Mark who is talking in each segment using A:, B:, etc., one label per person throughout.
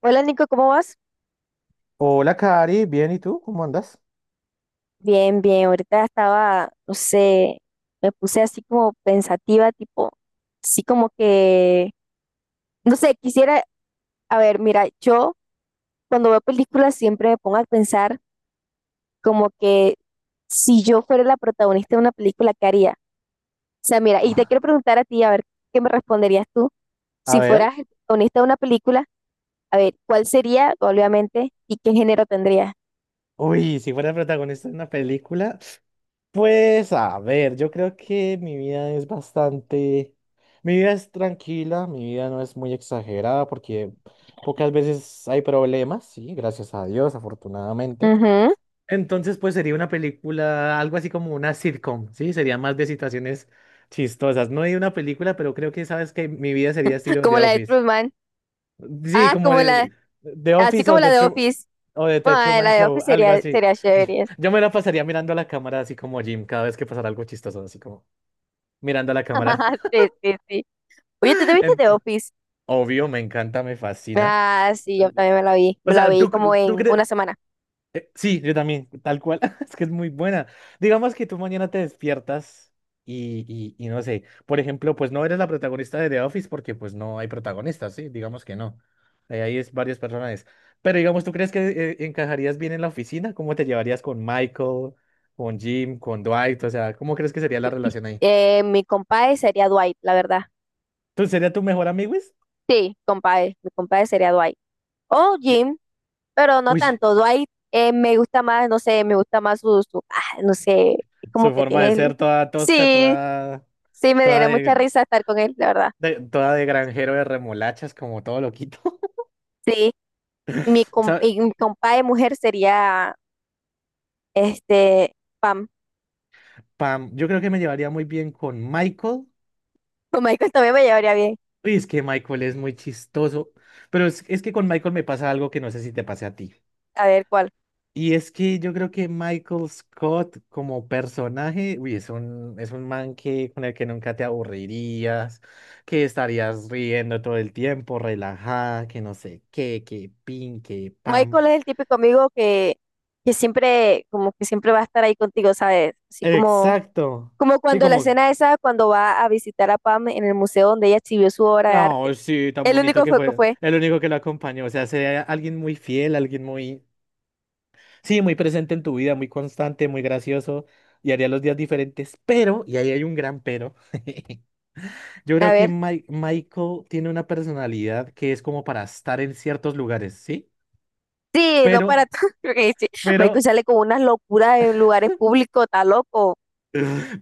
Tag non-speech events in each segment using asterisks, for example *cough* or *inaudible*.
A: Hola Nico, ¿cómo vas?
B: Hola, Cari, bien, ¿y tú? ¿Cómo andas?
A: Bien, bien. Ahorita estaba, no sé, me puse así como pensativa, tipo, así como que, no sé, quisiera, a ver, mira, yo cuando veo películas siempre me pongo a pensar como que si yo fuera la protagonista de una película, ¿qué haría? O sea, mira, y te quiero preguntar a ti, a ver, ¿qué me responderías tú?
B: A
A: Si
B: ver,
A: fueras el protagonista de una película, a ver, ¿cuál sería, obviamente, y qué género tendría?
B: uy, si fuera protagonista de una película, pues a ver, yo creo que mi vida es bastante, mi vida es tranquila, mi vida no es muy exagerada porque pocas veces hay problemas, sí, gracias a Dios, afortunadamente.
A: Ujú.
B: Entonces, pues sería una película, algo así como una sitcom, sí, sería más de situaciones chistosas, no hay una película, pero creo que sabes que mi vida sería estilo
A: Como
B: The
A: la de
B: Office.
A: Truman.
B: Sí,
A: Ah,
B: como
A: como la,
B: de The
A: así
B: Office
A: como
B: o
A: la
B: The
A: de
B: Tru-
A: Office.
B: o de The
A: Ay,
B: Truman
A: la de
B: Show,
A: Office
B: algo
A: sería,
B: así.
A: sería
B: Yo,
A: chévere.
B: yo me la pasaría mirando a la cámara así como Jim, cada vez que pasara algo chistoso, así como mirando a la cámara.
A: *laughs* Sí, sí, sí. Oye, ¿tú te
B: *laughs*
A: viste
B: En-
A: de Office?
B: Obvio, me encanta, me fascina.
A: Ah, sí, yo también me la vi.
B: O
A: Me la
B: sea,
A: vi como
B: ¿tú
A: en
B: crees?
A: una semana.
B: Sí, yo también, tal cual. *laughs* Es que es muy buena. Digamos que tú mañana te despiertas y no sé, por ejemplo, pues no eres la protagonista de The Office porque pues no hay protagonistas, ¿sí? Digamos que no. Ahí es varios personajes. Pero digamos, ¿tú crees que encajarías bien en la oficina? ¿Cómo te llevarías con Michael, con Jim, con Dwight? O sea, ¿cómo crees que sería la relación ahí?
A: Mi compadre sería Dwight, la verdad.
B: ¿Tú sería tu mejor amigo? Wiz?
A: Sí, compadre. Mi compadre sería Dwight. O
B: Ye-
A: Jim, pero no
B: Uy,
A: tanto. Dwight me gusta más, no sé, me gusta más ah, no sé, es como
B: su
A: que
B: forma de
A: tiene el...
B: ser toda tosca,
A: Sí,
B: toda,
A: sí, me
B: toda
A: daría mucha
B: de,
A: risa estar con él, la verdad.
B: toda de granjero de remolachas, como todo loquito.
A: Sí, y y
B: *laughs*
A: mi compadre mujer sería, este, Pam.
B: Pam, yo creo que me llevaría muy bien con Michael.
A: *laughs* Con Michael también me llevaría bien.
B: Uy, es que Michael es muy chistoso, pero es que con Michael me pasa algo que no sé si te pase a ti.
A: A ver, ¿cuál?
B: Y es que yo creo que Michael Scott como personaje, uy, es un man que, con el que nunca te aburrirías, que estarías riendo todo el tiempo, relajada, que no sé qué, que pin, que pam.
A: Michael es el típico amigo que siempre, como que siempre va a estar ahí contigo, ¿sabes? Así como,
B: Exacto.
A: como
B: Sí,
A: cuando la
B: como,
A: escena esa, cuando va a visitar a Pam en el museo donde ella exhibió su obra de
B: oh,
A: arte.
B: sí, tan
A: El
B: bonito
A: único
B: que
A: fue que
B: fue.
A: fue,
B: El único que lo acompañó. O sea, sea alguien muy fiel, alguien muy. Sí, muy presente en tu vida, muy constante, muy gracioso y haría los días diferentes, pero, y ahí hay un gran pero, *laughs* yo
A: a
B: creo que
A: ver,
B: Michael tiene una personalidad que es como para estar en ciertos lugares, ¿sí?
A: sí, no para
B: Pero,
A: todo. *laughs* Porque sí, Michael
B: pero,
A: sale con unas locuras en lugares públicos, está loco.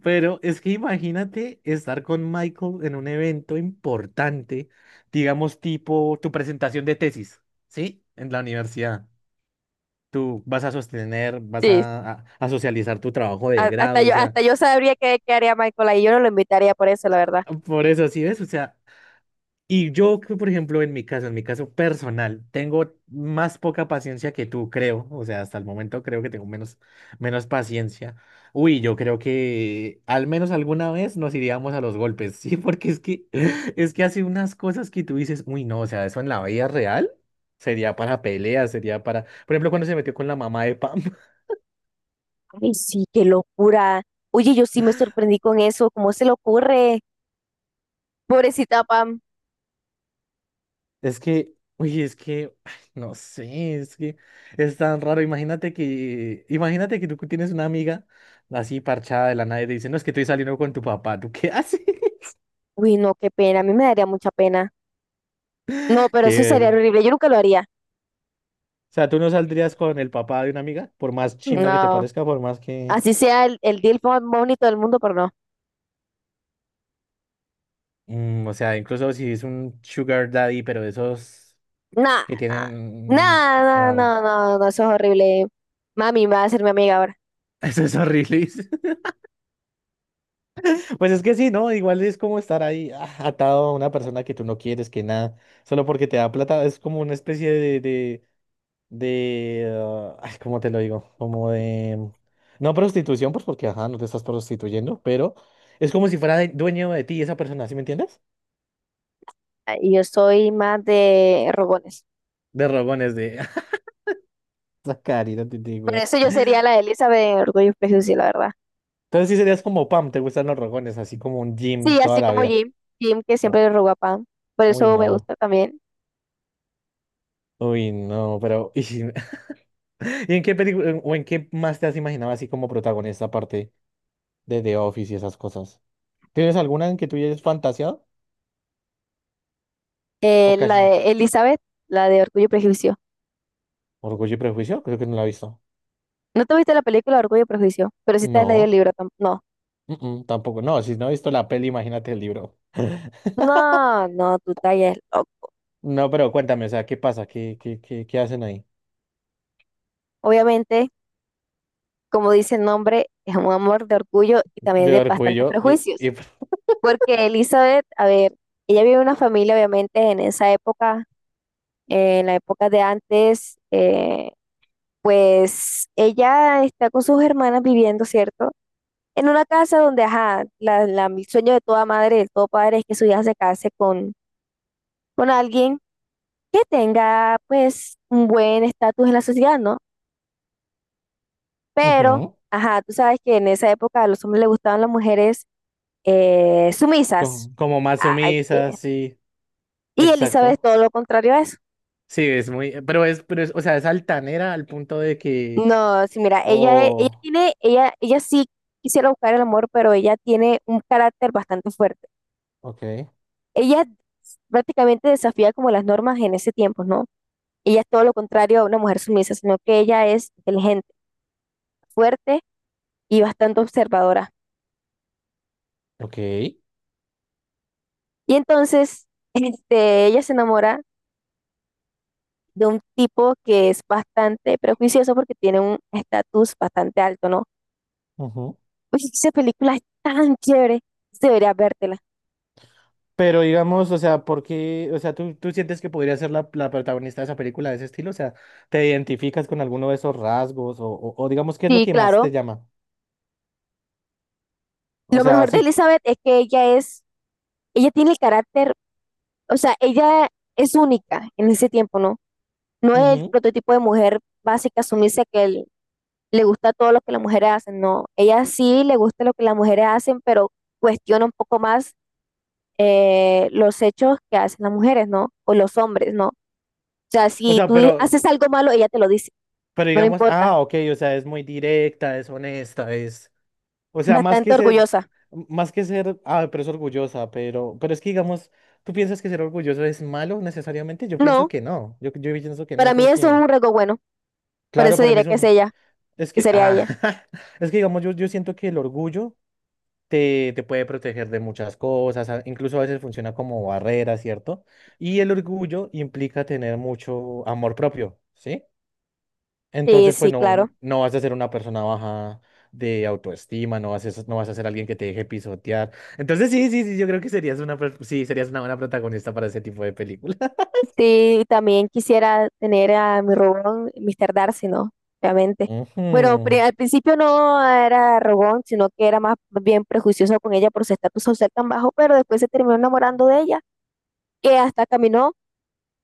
B: pero es que imagínate estar con Michael en un evento importante, digamos tipo tu presentación de tesis, ¿sí? En la universidad. Tú vas a sostener,
A: Sí,
B: a socializar tu trabajo de grado, o sea,
A: hasta yo sabría qué, qué haría Michael ahí, yo no lo invitaría por eso, la verdad.
B: por eso, ¿sí ves? O sea... Y yo, que, por ejemplo, en mi caso personal, tengo más poca paciencia que tú, creo. O sea, hasta el momento creo que tengo menos paciencia. Uy, yo creo que al menos alguna vez nos iríamos a los golpes, *laughs* ¿sí? Porque es que, *laughs* es que hace unas cosas que tú dices, uy, no, o sea, eso en la vida real sería para peleas, sería para... Por ejemplo, cuando se metió con la mamá de Pam.
A: Ay, sí, qué locura. Oye, yo sí me sorprendí con eso, ¿cómo se le ocurre? Pobrecita Pam.
B: Es que, uy, es que, ay, No sé, es que es tan raro. Imagínate que tú tienes una amiga así parchada de la nada y te dice, no, es que estoy saliendo con tu papá. ¿Tú qué haces? *laughs*
A: Uy, no, qué pena, a mí me daría mucha pena. No, pero eso sería
B: ¿Qué?
A: horrible, yo nunca lo haría.
B: O sea, tú no saldrías con el papá de una amiga, por más chimba que te
A: No,
B: parezca, por más que,
A: así sea el deal más bonito del mundo, pero no.
B: mm, o sea, incluso si es un sugar daddy, pero esos
A: Nada,
B: que tienen, mm,
A: nada, nada,
B: no,
A: no, no, no, no, eso es horrible. Mami va a ser mi amiga ahora.
B: *laughs* eso es horrible. Pues es que sí, ¿no? Igual es como estar ahí ah, atado a una persona que tú no quieres, que nada, solo porque te da plata, es como una especie ah, ay, ¿cómo te lo digo? Como de, no prostitución, pues porque, ajá, no te estás prostituyendo, pero es como si fuera dueño de ti esa persona, ¿sí me entiendes?
A: Y yo soy más de rogones.
B: De rogones, de *laughs* sacar y no te digo.
A: Por
B: Weón.
A: eso yo sería la de Elizabeth en Orgullo y Prejuicio, la verdad.
B: Entonces sí serías como Pam, te gustan los rogones, así como un gym
A: Sí,
B: toda
A: así
B: la
A: como
B: vida.
A: Jim, Jim que siempre
B: U-
A: le roba pan. Por
B: Uy,
A: eso me
B: no,
A: gusta también.
B: pero *laughs* ¿Y en qué película o en qué más te has imaginado así como protagonista aparte de The Office y esas cosas? ¿Tienes alguna en que tú hayas fantaseado? ¿O
A: La
B: casi
A: de Elizabeth, la de Orgullo y Prejuicio.
B: Orgullo y Prejuicio? Creo que no la he visto.
A: ¿No te viste la película Orgullo y Prejuicio? Pero sí te has leído el
B: No,
A: libro. No.
B: mm, mm, tampoco. No, si no he visto la peli, imagínate el libro. *laughs*
A: No, no, tú tallas loco.
B: No, pero cuéntame, o sea, ¿qué pasa? ¿Qué hacen ahí?
A: Obviamente, como dice el nombre, es un amor de orgullo y también
B: De
A: de bastantes
B: Orgullo y...
A: prejuicios. Porque Elizabeth, a ver, ella vive en una familia, obviamente, en esa época, en la época de antes, pues ella está con sus hermanas viviendo, ¿cierto? En una casa donde, ajá, el sueño de toda madre, de todo padre es que su hija se case con alguien que tenga, pues, un buen estatus en la sociedad, ¿no? Pero,
B: Ujú.
A: ajá, tú sabes que en esa época a los hombres les gustaban las mujeres sumisas.
B: Como más
A: Ay,
B: sumisa,
A: qué-
B: sí.
A: Y Elizabeth es
B: Exacto.
A: todo lo contrario a eso.
B: Sí, es muy... Pero es, o sea, es altanera al punto de que...
A: No, sí, mira, ella
B: Oh,
A: tiene, ella sí quisiera buscar el amor, pero ella tiene un carácter bastante fuerte.
B: ok.
A: Ella prácticamente desafía como las normas en ese tiempo, ¿no? Ella es todo lo contrario a una mujer sumisa, sino que ella es inteligente, fuerte y bastante observadora.
B: Ok.
A: Y entonces, *laughs* este, ella se enamora de un tipo que es bastante prejuicioso porque tiene un estatus bastante alto, ¿no?
B: Ujú.
A: Oye, *laughs* esa película es tan chévere, deberías vértela.
B: Pero digamos, o sea, ¿por qué? O sea, ¿tú sientes que podría ser la protagonista de esa película de ese estilo? O sea, ¿te identificas con alguno de esos rasgos? O digamos, ¿qué es lo
A: Sí,
B: que más te
A: claro.
B: llama? O
A: Lo
B: sea,
A: mejor de
B: sí.
A: Elizabeth es que ella es, ella tiene el carácter, o sea, ella es única en ese tiempo, ¿no? No es el
B: Ujú.
A: prototipo de mujer básica sumisa que le gusta todo lo que las mujeres hacen, no. Ella sí le gusta lo que las mujeres hacen, pero cuestiona un poco más los hechos que hacen las mujeres, ¿no? O los hombres, ¿no? O sea,
B: O
A: si
B: sea,
A: tú haces algo malo, ella te lo dice,
B: pero
A: no le
B: digamos,
A: importa.
B: ah, ok, o sea, es muy directa, es honesta, es. O sea, más
A: Bastante
B: que ser,
A: orgullosa.
B: Más que ser, ah, pero es orgullosa, pero es que digamos, ¿tú piensas que ser orgulloso es malo necesariamente? Yo pienso
A: No,
B: que no. Yo pienso que no,
A: para mí eso es
B: porque,
A: un rasgo bueno, por
B: claro,
A: eso
B: para mí
A: diré
B: es
A: que es
B: un.
A: ella,
B: Es
A: que
B: que,
A: sería
B: ah,
A: ella.
B: *laughs* es que digamos, yo siento que el orgullo te puede proteger de muchas cosas, incluso a veces funciona como barrera, ¿cierto? Y el orgullo implica tener mucho amor propio, ¿sí?
A: Sí,
B: Entonces, pues
A: sí, claro.
B: no vas a ser una persona baja de autoestima, no vas a ser alguien que te deje pisotear. Entonces, sí, sí, sí, yo creo que serías sí, serías una buena protagonista para ese tipo de película.
A: Sí, también quisiera tener a mi robón, Mr. Darcy, ¿no? Obviamente.
B: *laughs*
A: Bueno,
B: Ujú.
A: al principio no era robón, sino que era más bien prejuicioso con ella por su estatus social tan bajo, pero después se terminó enamorando de ella, que hasta caminó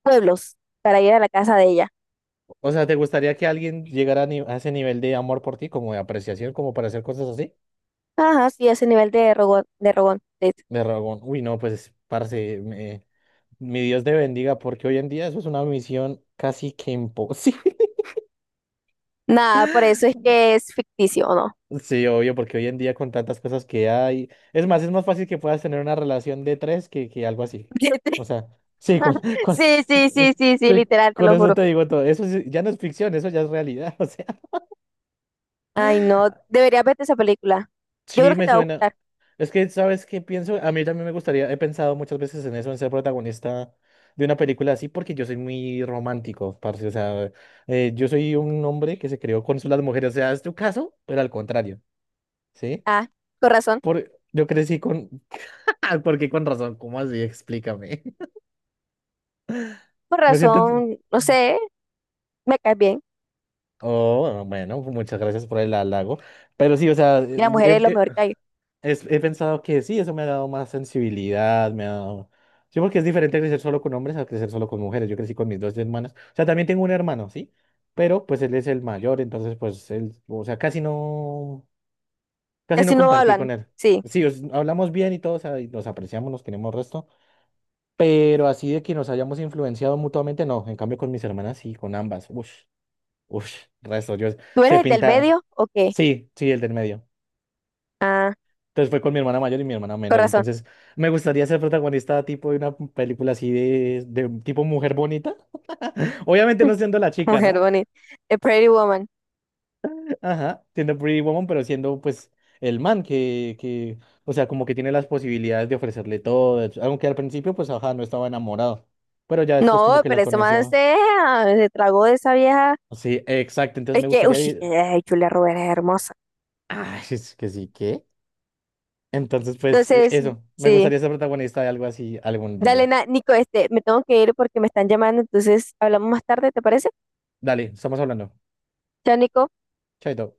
A: pueblos para ir a la casa de ella.
B: O sea, ¿te gustaría que alguien llegara a, ni- a ese nivel de amor por ti, como de apreciación, como para hacer cosas así?
A: Ajá, sí, ese nivel de rogón, de rogón.
B: De Ragón. Uy, no, pues, parce, mi Dios te bendiga, porque hoy en día eso es una misión casi que imposible. *laughs*
A: Nada, por eso es que es ficticio, ¿o no?
B: Sí, obvio, porque hoy en día con tantas cosas que hay. Es más fácil que puedas tener una relación de tres que algo así. O
A: *laughs*
B: sea, sí,
A: Sí, sí, sí,
B: *laughs*
A: sí, sí,
B: sí,
A: literal, te
B: con
A: lo
B: eso
A: juro.
B: te digo todo. Eso sí, ya no es ficción, eso ya es realidad. *laughs*
A: Ay, no, deberías verte esa película. Yo creo
B: Sí,
A: que
B: me
A: te va a
B: suena.
A: gustar.
B: Es que, ¿sabes qué pienso? A mí también me gustaría, he pensado muchas veces en eso, en ser protagonista de una película así, porque yo soy muy romántico, parce. O sea, yo soy un hombre que se creó con las mujeres. O sea, es tu caso, pero al contrario, ¿sí?
A: Ah, con razón,
B: Por, yo crecí con... *laughs* ¿Por qué con razón? ¿Cómo así? Explícame.
A: con
B: *laughs* Me siento...
A: razón, no sé, me caes bien.
B: Oh, bueno, muchas gracias por el halago. Pero sí, o sea,
A: Y la mujer es lo
B: eh,
A: mejor que hay.
B: he pensado que sí, eso me ha dado más sensibilidad, me ha dado... Sí, porque es diferente crecer solo con hombres a crecer solo con mujeres. Yo crecí con mis dos hermanas. O sea, también tengo un hermano, ¿sí? Pero pues él es el mayor, entonces pues él, o sea, casi
A: Casi
B: no
A: no
B: compartí
A: hablan,
B: con él.
A: sí.
B: Sí, hablamos bien y todo, o sea, y nos apreciamos, nos queremos resto, pero así de que nos hayamos influenciado mutuamente, no. En cambio con mis hermanas sí, con ambas. Ush, Resto, yo
A: ¿Tú
B: se
A: eres el del
B: pinta.
A: medio o qué?
B: Sí, sí, el del medio.
A: Ah,
B: Entonces fue con mi hermana mayor y mi hermana
A: con
B: menor.
A: razón.
B: Entonces me gustaría ser protagonista tipo de una película así de tipo mujer bonita. *laughs* Obviamente
A: *laughs*
B: no siendo la chica,
A: Mujer
B: ¿no?
A: bonita. The Pretty Woman.
B: *laughs* Ajá, siendo Pretty Woman, pero siendo pues el man o sea, como que tiene las posibilidades de ofrecerle todo. Aunque al principio pues, ajá, no estaba enamorado. Pero ya después como
A: No,
B: que
A: pero
B: la
A: ese man
B: conoció.
A: se, ah, se tragó de esa vieja.
B: Sí, exacto. Entonces
A: Es
B: me
A: que,
B: gustaría
A: uy,
B: vivir.
A: ay, Julia Roberts es hermosa.
B: Ah, *laughs* es que sí, ¿qué? Entonces pues
A: Entonces,
B: eso, me
A: sí.
B: gustaría ser protagonista de algo así algún
A: Dale,
B: día.
A: Nico, este, me tengo que ir porque me están llamando, entonces hablamos más tarde, ¿te parece?
B: Dale, estamos hablando.
A: Chao, Nico.
B: Chaito.